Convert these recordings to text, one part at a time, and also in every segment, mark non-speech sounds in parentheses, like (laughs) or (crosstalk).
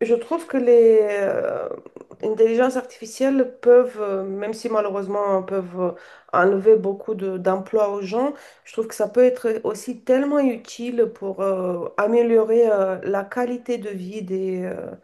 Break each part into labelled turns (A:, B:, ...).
A: Je trouve que les intelligences artificielles peuvent, même si malheureusement peuvent enlever beaucoup d'emplois aux gens. Je trouve que ça peut être aussi tellement utile pour améliorer la qualité de vie des,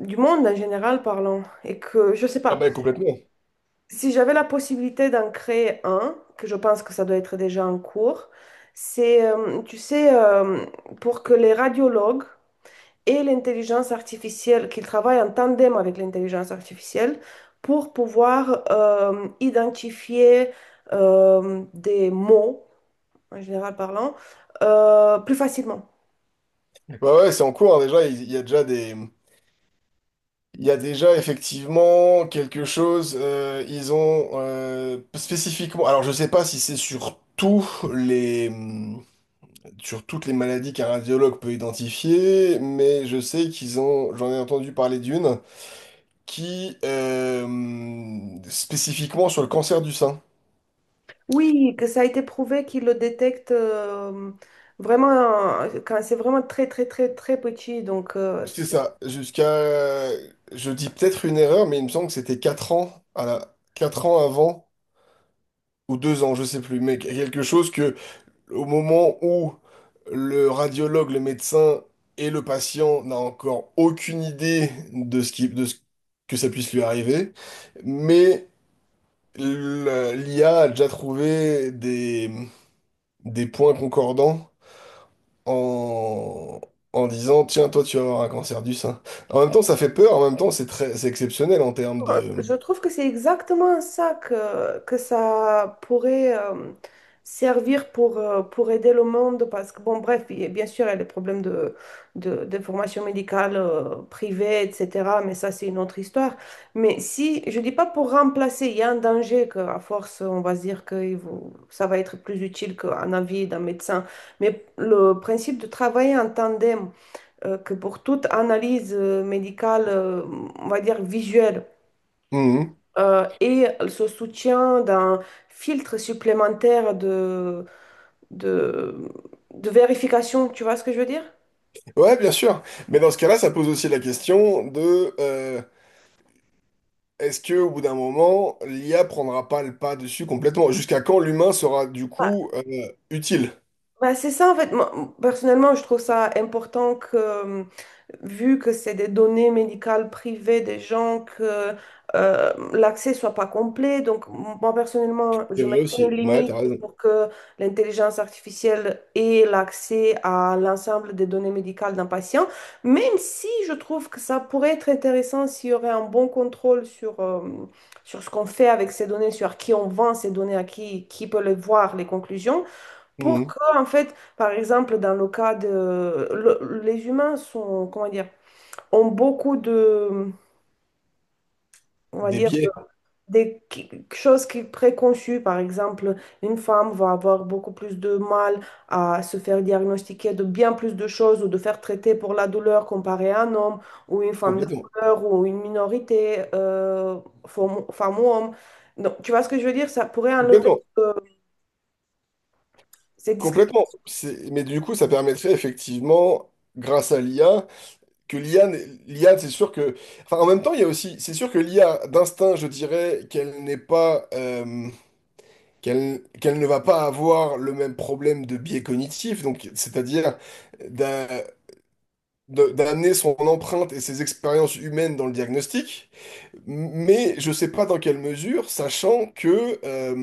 A: du monde en général parlant. Et que, je sais
B: Ah
A: pas,
B: ben complètement.
A: si j'avais la possibilité d'en créer un, que je pense que ça doit être déjà en cours. C'est, tu sais, pour que les radiologues et l'intelligence artificielle, qu'ils travaillent en tandem avec l'intelligence artificielle pour pouvoir identifier des mots, en général parlant, plus facilement.
B: Bah ouais, c'est en cours hein, déjà. Il y a déjà il y a déjà effectivement quelque chose. Ils ont spécifiquement. Alors je sais pas si c'est sur les, sur toutes les maladies qu'un radiologue peut identifier, mais je sais qu'ils ont. J'en ai entendu parler d'une qui spécifiquement sur le cancer du sein.
A: Oui, que ça a été prouvé qu'ils le détectent vraiment quand c'est vraiment très, très, très, très petit. Donc, euh,
B: C'est ça. Jusqu'à, je dis peut-être une erreur, mais il me semble que c'était 4 ans avant. Ou 2 ans, je sais plus, mais quelque chose que au moment où le radiologue, le médecin et le patient n'a encore aucune idée de ce que ça puisse lui arriver, mais l'IA a déjà trouvé des points concordants en, en disant, tiens, toi, tu vas avoir un cancer du sein. En même temps, ça fait peur, en même temps, c'est exceptionnel en termes
A: Euh,
B: de...
A: je trouve que c'est exactement ça que ça pourrait servir pour aider le monde parce que, bon, bref, bien sûr, il y a les problèmes de formation médicale privée, etc., mais ça, c'est une autre histoire. Mais si, je dis pas pour remplacer, il y a un danger qu'à force, on va se dire que ça va être plus utile qu'un avis d'un médecin, mais le principe de travailler en tandem, que pour toute analyse médicale, on va dire visuelle,
B: Mhm.
A: et ce soutien d'un filtre supplémentaire de, de vérification, tu vois ce que je veux dire?
B: Ouais, bien sûr. Mais dans ce cas-là, ça pose aussi la question de... Est-ce que au bout d'un moment, l'IA prendra pas le pas dessus complètement? Jusqu'à quand l'humain sera du coup utile?
A: Bah, c'est ça, en fait. Moi, personnellement, je trouve ça important que, vu que c'est des données médicales privées des gens, que l'accès soit pas complet. Donc, moi, personnellement,
B: C'est
A: je
B: vrai
A: mettrais une
B: aussi. Ouais,
A: limite
B: t'as raison.
A: pour que l'intelligence artificielle ait l'accès à l'ensemble des données médicales d'un patient, même si je trouve que ça pourrait être intéressant s'il y aurait un bon contrôle sur, sur ce qu'on fait avec ces données, sur à qui on vend ces données, à qui peut les voir, les conclusions. Pour
B: Mhm.
A: que, en fait, par exemple, dans le cas de... les humains sont, comment dire, ont beaucoup de, on va
B: Des
A: dire,
B: biais,
A: des choses qui préconçues. Par exemple, une femme va avoir beaucoup plus de mal à se faire diagnostiquer de bien plus de choses ou de faire traiter pour la douleur comparé à un homme ou une femme de
B: complètement.
A: couleur ou une minorité, femme, femme ou homme. Donc, tu vois ce que je veux dire? Ça pourrait enlever
B: Complètement.
A: euh, ces discriminations.
B: Complètement. Mais du coup, ça permettrait effectivement, grâce à l'IA, que l'IA, n'est- l'IA, c'est sûr que. Enfin, en même temps, il y a aussi. C'est sûr que l'IA, d'instinct, je dirais qu'elle n'est pas. Qu'elle ne va pas avoir le même problème de biais cognitif, donc c'est-à-dire d'amener son empreinte et ses expériences humaines dans le diagnostic, mais je sais pas dans quelle mesure, sachant que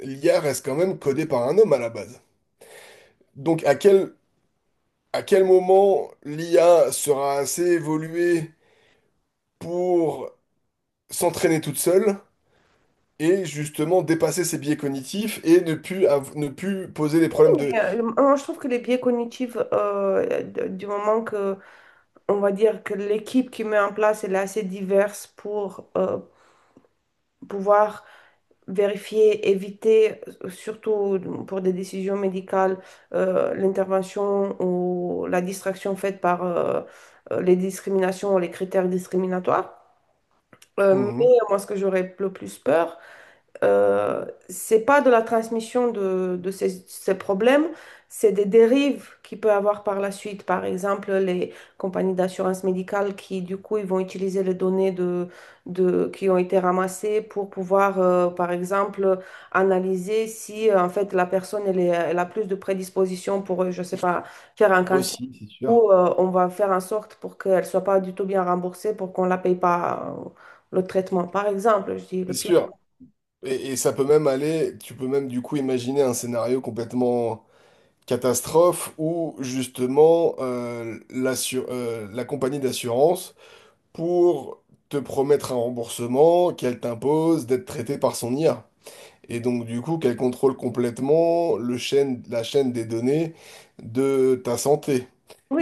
B: l'IA reste quand même codée par un homme à la base. Donc à quel moment l'IA sera assez évoluée pour s'entraîner toute seule et justement dépasser ses biais cognitifs et ne ne plus poser des problèmes de...
A: Mais, moi, je trouve que les biais cognitifs, du moment que, on va dire que l'équipe qui met en place, elle est assez diverse pour pouvoir vérifier, éviter, surtout pour des décisions médicales, l'intervention ou la distraction faite par les discriminations ou les critères discriminatoires. Mais
B: Mhm.
A: moi, ce que j'aurais le plus peur, c'est pas de la transmission de ces, ces problèmes, c'est des dérives qu'il peut avoir par la suite. Par exemple, les compagnies d'assurance médicale qui, du coup, ils vont utiliser les données de, qui ont été ramassées pour pouvoir, par exemple, analyser si, en fait, la personne, elle, elle a plus de prédisposition pour, je sais pas, faire un cancer.
B: Aussi, c'est sûr.
A: Ou on va faire en sorte pour qu'elle soit pas du tout bien remboursée pour qu'on la paye pas le traitement, par exemple. Je dis le
B: C'est
A: pire.
B: sûr. Et ça peut même aller, tu peux même du coup imaginer un scénario complètement catastrophe ou justement la compagnie d'assurance pour te promettre un remboursement qu'elle t'impose d'être traité par son IA. Et donc du coup qu'elle contrôle complètement la chaîne des données de ta santé.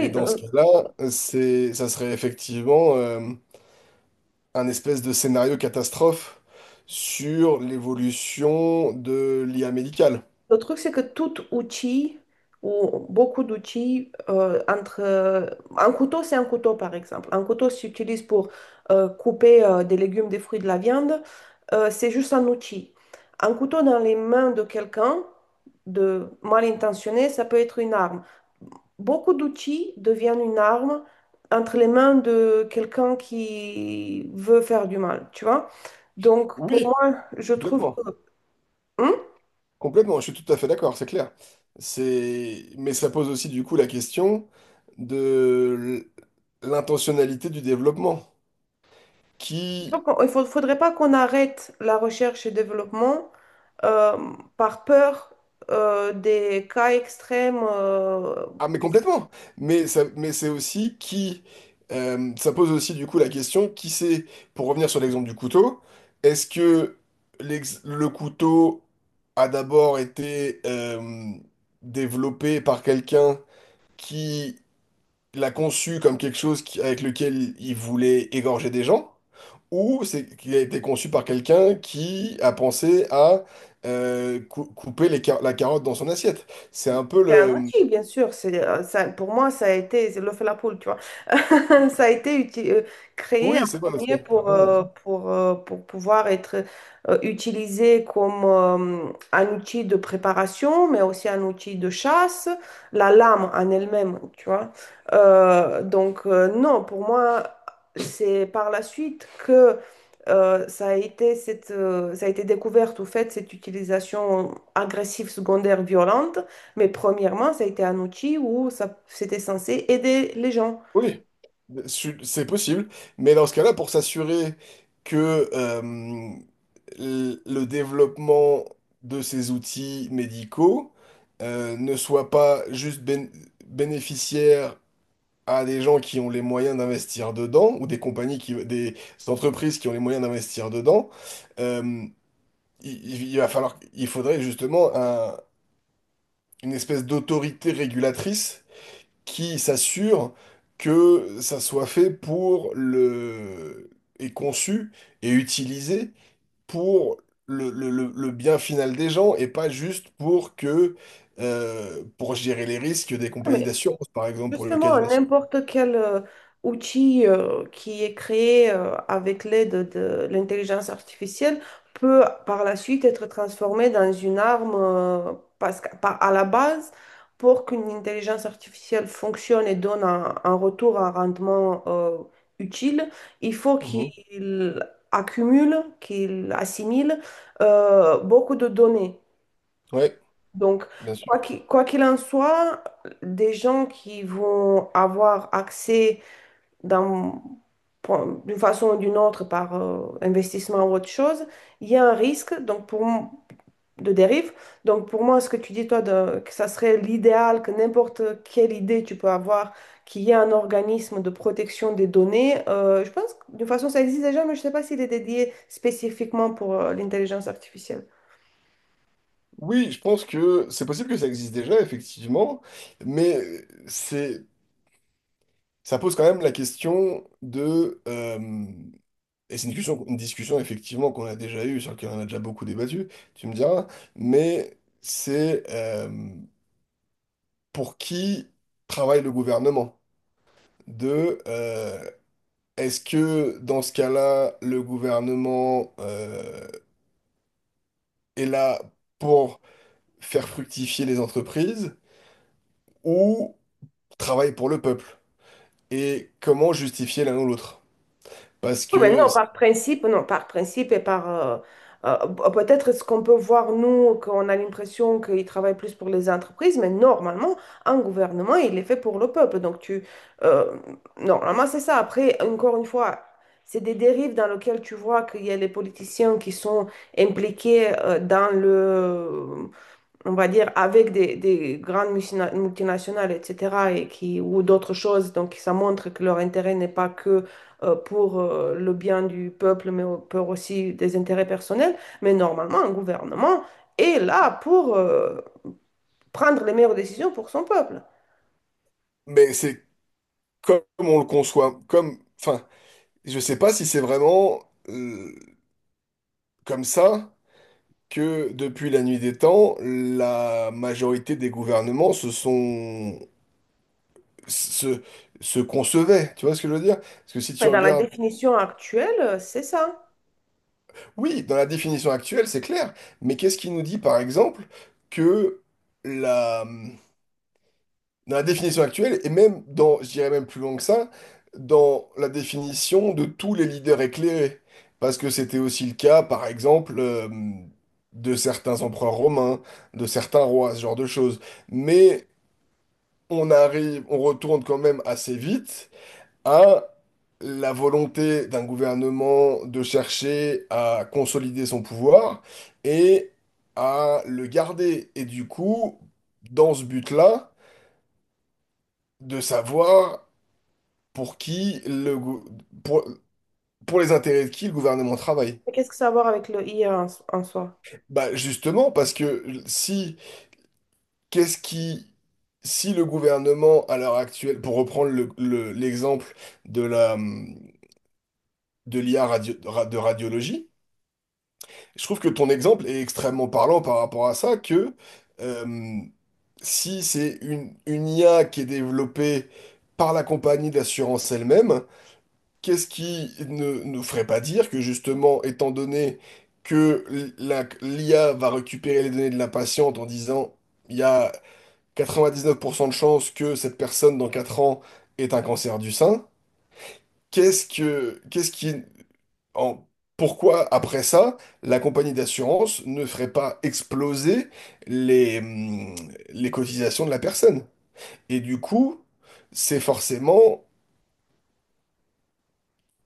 B: Et dans ce cas-là, ça serait effectivement un espèce de scénario catastrophe sur l'évolution de l'IA médicale.
A: le truc, c'est que tout outil ou beaucoup d'outils entre un couteau, c'est un couteau par exemple. Un couteau s'utilise pour couper des légumes, des fruits, de la viande. C'est juste un outil. Un couteau dans les mains de quelqu'un de mal intentionné, ça peut être une arme. Beaucoup d'outils deviennent une arme entre les mains de quelqu'un qui veut faire du mal, tu vois. Donc pour
B: Oui,
A: moi, je trouve que...
B: complètement.
A: Hein.
B: Complètement, je suis tout à fait d'accord, c'est clair. C'est... Mais ça pose aussi du coup la question de l'intentionnalité du développement. Qui...
A: Donc, il ne faudrait pas qu'on arrête la recherche et développement euh, par peur des cas extrêmes.
B: Ah mais complètement. Mais ça... mais c'est aussi qui... ça pose aussi du coup la question qui c'est, pour revenir sur l'exemple du couteau, est-ce que le couteau a d'abord été développé par quelqu'un qui il l'a conçu comme quelque chose avec lequel il voulait égorger des gens, ou c'est qu'il a été conçu par quelqu'un qui a pensé à couper la carotte dans son assiette. C'est un peu
A: C'est un
B: le...
A: outil, bien sûr. C'est, ça, pour moi, ça a été c'est l'œuf et la poule, tu vois. (laughs) Ça a été uti- Créé
B: Oui, c'est
A: en
B: bon
A: premier
B: aussi. T'as raison.
A: pour pouvoir être utilisé comme un outil de préparation, mais aussi un outil de chasse, la lame en elle-même, tu vois. Donc, non, pour moi, c'est par la suite que ça a été cette, ça a été découverte, au fait, cette utilisation agressive, secondaire, violente. Mais premièrement, ça a été un outil où ça, c'était censé aider les gens.
B: Oui, c'est possible. Mais dans ce cas-là, pour s'assurer que le développement de ces outils médicaux ne soit pas juste bénéficiaire à des gens qui ont les moyens d'investir dedans, ou des entreprises qui ont les moyens d'investir dedans, euh, il faudrait justement une espèce d'autorité régulatrice qui s'assure que ça soit fait et conçu et utilisé pour le bien final des gens et pas juste pour gérer les risques des compagnies d'assurance, par exemple, pour le cas
A: Justement,
B: d'une assurance.
A: n'importe quel outil qui est créé avec l'aide de l'intelligence artificielle peut par la suite être transformé dans une arme parce que, à la base, pour qu'une intelligence artificielle fonctionne et donne un retour, un rendement utile, il faut
B: Mhm.
A: qu'il accumule, qu'il assimile beaucoup de données.
B: Ouais.
A: Donc,
B: Bien sûr.
A: quoi qu'il en soit, des gens qui vont avoir accès dans- d'une façon ou d'une autre par investissement ou autre chose, il y a un risque donc pour, de dérive. Donc, pour moi, ce que tu dis, toi, que ça serait l'idéal, que n'importe quelle idée tu peux avoir, qu'il y ait un organisme de protection des données, je pense que d'une façon, ça existe déjà, mais je ne sais pas s'il est dédié spécifiquement pour l'intelligence artificielle.
B: Oui, je pense que c'est possible que ça existe déjà, effectivement, mais c'est, ça pose quand même la question et c'est une discussion effectivement qu'on a déjà eue, sur laquelle on a déjà beaucoup débattu, tu me diras, mais c'est pour qui travaille le gouvernement? De, euh, est-ce que dans ce cas-là, le gouvernement est là pour faire fructifier les entreprises ou travaille pour le peuple? Et comment justifier l'un ou l'autre. Parce
A: Oui, mais
B: que
A: non, par principe, non, par principe et par euh, peut-être ce qu'on peut voir, nous, qu'on a l'impression qu'ils travaillent plus pour les entreprises, mais normalement, un gouvernement, il est fait pour le peuple. Donc, tu. euh, Normalement, c'est ça. Après, encore une fois, c'est des dérives dans lesquelles tu vois qu'il y a les politiciens qui sont impliqués dans le, on va dire, avec des grandes multinationales, etc., et qui, ou d'autres choses. Donc, ça montre que leur intérêt n'est pas que pour le bien du peuple, mais pour aussi des intérêts personnels. Mais normalement, un gouvernement est là pour prendre les meilleures décisions pour son peuple.
B: Mais c'est comme on le conçoit, comme, enfin, je sais pas si c'est vraiment euh, comme ça que depuis la nuit des temps, la majorité des gouvernements se, se concevaient. Tu vois ce que je veux dire? Parce que si tu
A: Mais dans la
B: regardes,
A: définition actuelle, c'est ça.
B: oui, dans la définition actuelle, c'est clair, mais qu'est-ce qui nous dit par exemple que dans la définition actuelle, et même dans, je dirais même plus loin que ça, dans la définition de tous les leaders éclairés. Parce que c'était aussi le cas, par exemple, de certains empereurs romains, de certains rois, ce genre de choses. Mais on retourne quand même assez vite à la volonté d'un gouvernement de chercher à consolider son pouvoir et à le garder. Et du coup, dans ce but-là, de savoir pour qui le, gou- pour, pour les intérêts de qui le gouvernement travaille?
A: Mais qu'est-ce que ça a à voir avec le IA en, en soi?
B: Bah justement, parce que si, qu'est-ce qui, si le gouvernement à l'heure actuelle, pour reprendre l'exemple de de l'IA de radiologie, je trouve que ton exemple est extrêmement parlant par rapport à ça, que euh, si c'est une IA qui est développée par la compagnie d'assurance elle-même. Qu'est-ce qui ne nous ferait pas dire que justement, étant donné que l'IA va récupérer les données de la patiente en disant il y a 99% de chances que cette personne dans 4 ans ait un cancer du sein, qu'est-ce que, qu'est-ce qui, en- pourquoi après ça, la compagnie d'assurance ne ferait pas exploser les, hum, les cotisations de la personne? Et du coup, c'est forcément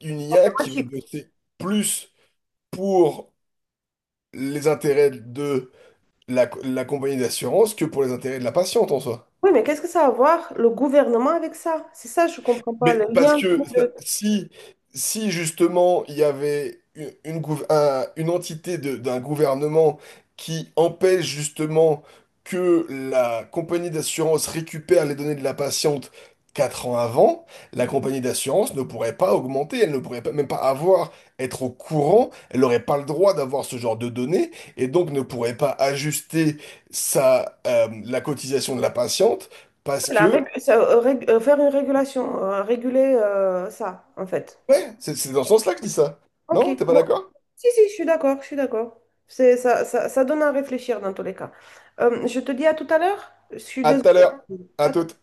B: une IA
A: Le
B: qui va bosser plus pour les intérêts de la compagnie d'assurance que pour les intérêts de la patiente en soi.
A: oui, mais qu'est-ce que ça a à voir le gouvernement avec ça? C'est ça, je comprends pas
B: Mais
A: le
B: parce
A: lien.
B: que si justement il y avait une entité d'un gouvernement qui empêche justement que la compagnie d'assurance récupère les données de la patiente 4 ans avant, la compagnie d'assurance ne pourrait pas augmenter, elle ne pourrait pas, même pas avoir, être au courant, elle n'aurait pas le droit d'avoir ce genre de données et donc ne pourrait pas ajuster la cotisation de la patiente. Parce que
A: Ça, faire une régulation, réguler ça, en fait.
B: ouais, c'est dans ce sens-là que je dis ça.
A: Ok,
B: Non, t'es pas
A: bon.
B: d'accord?
A: Si, si, je suis d'accord, je suis d'accord. C'est, ça donne à réfléchir dans tous les cas. Je te dis à tout à l'heure. Je suis
B: À
A: désolée.
B: tout à l'heure. À
A: À
B: toute.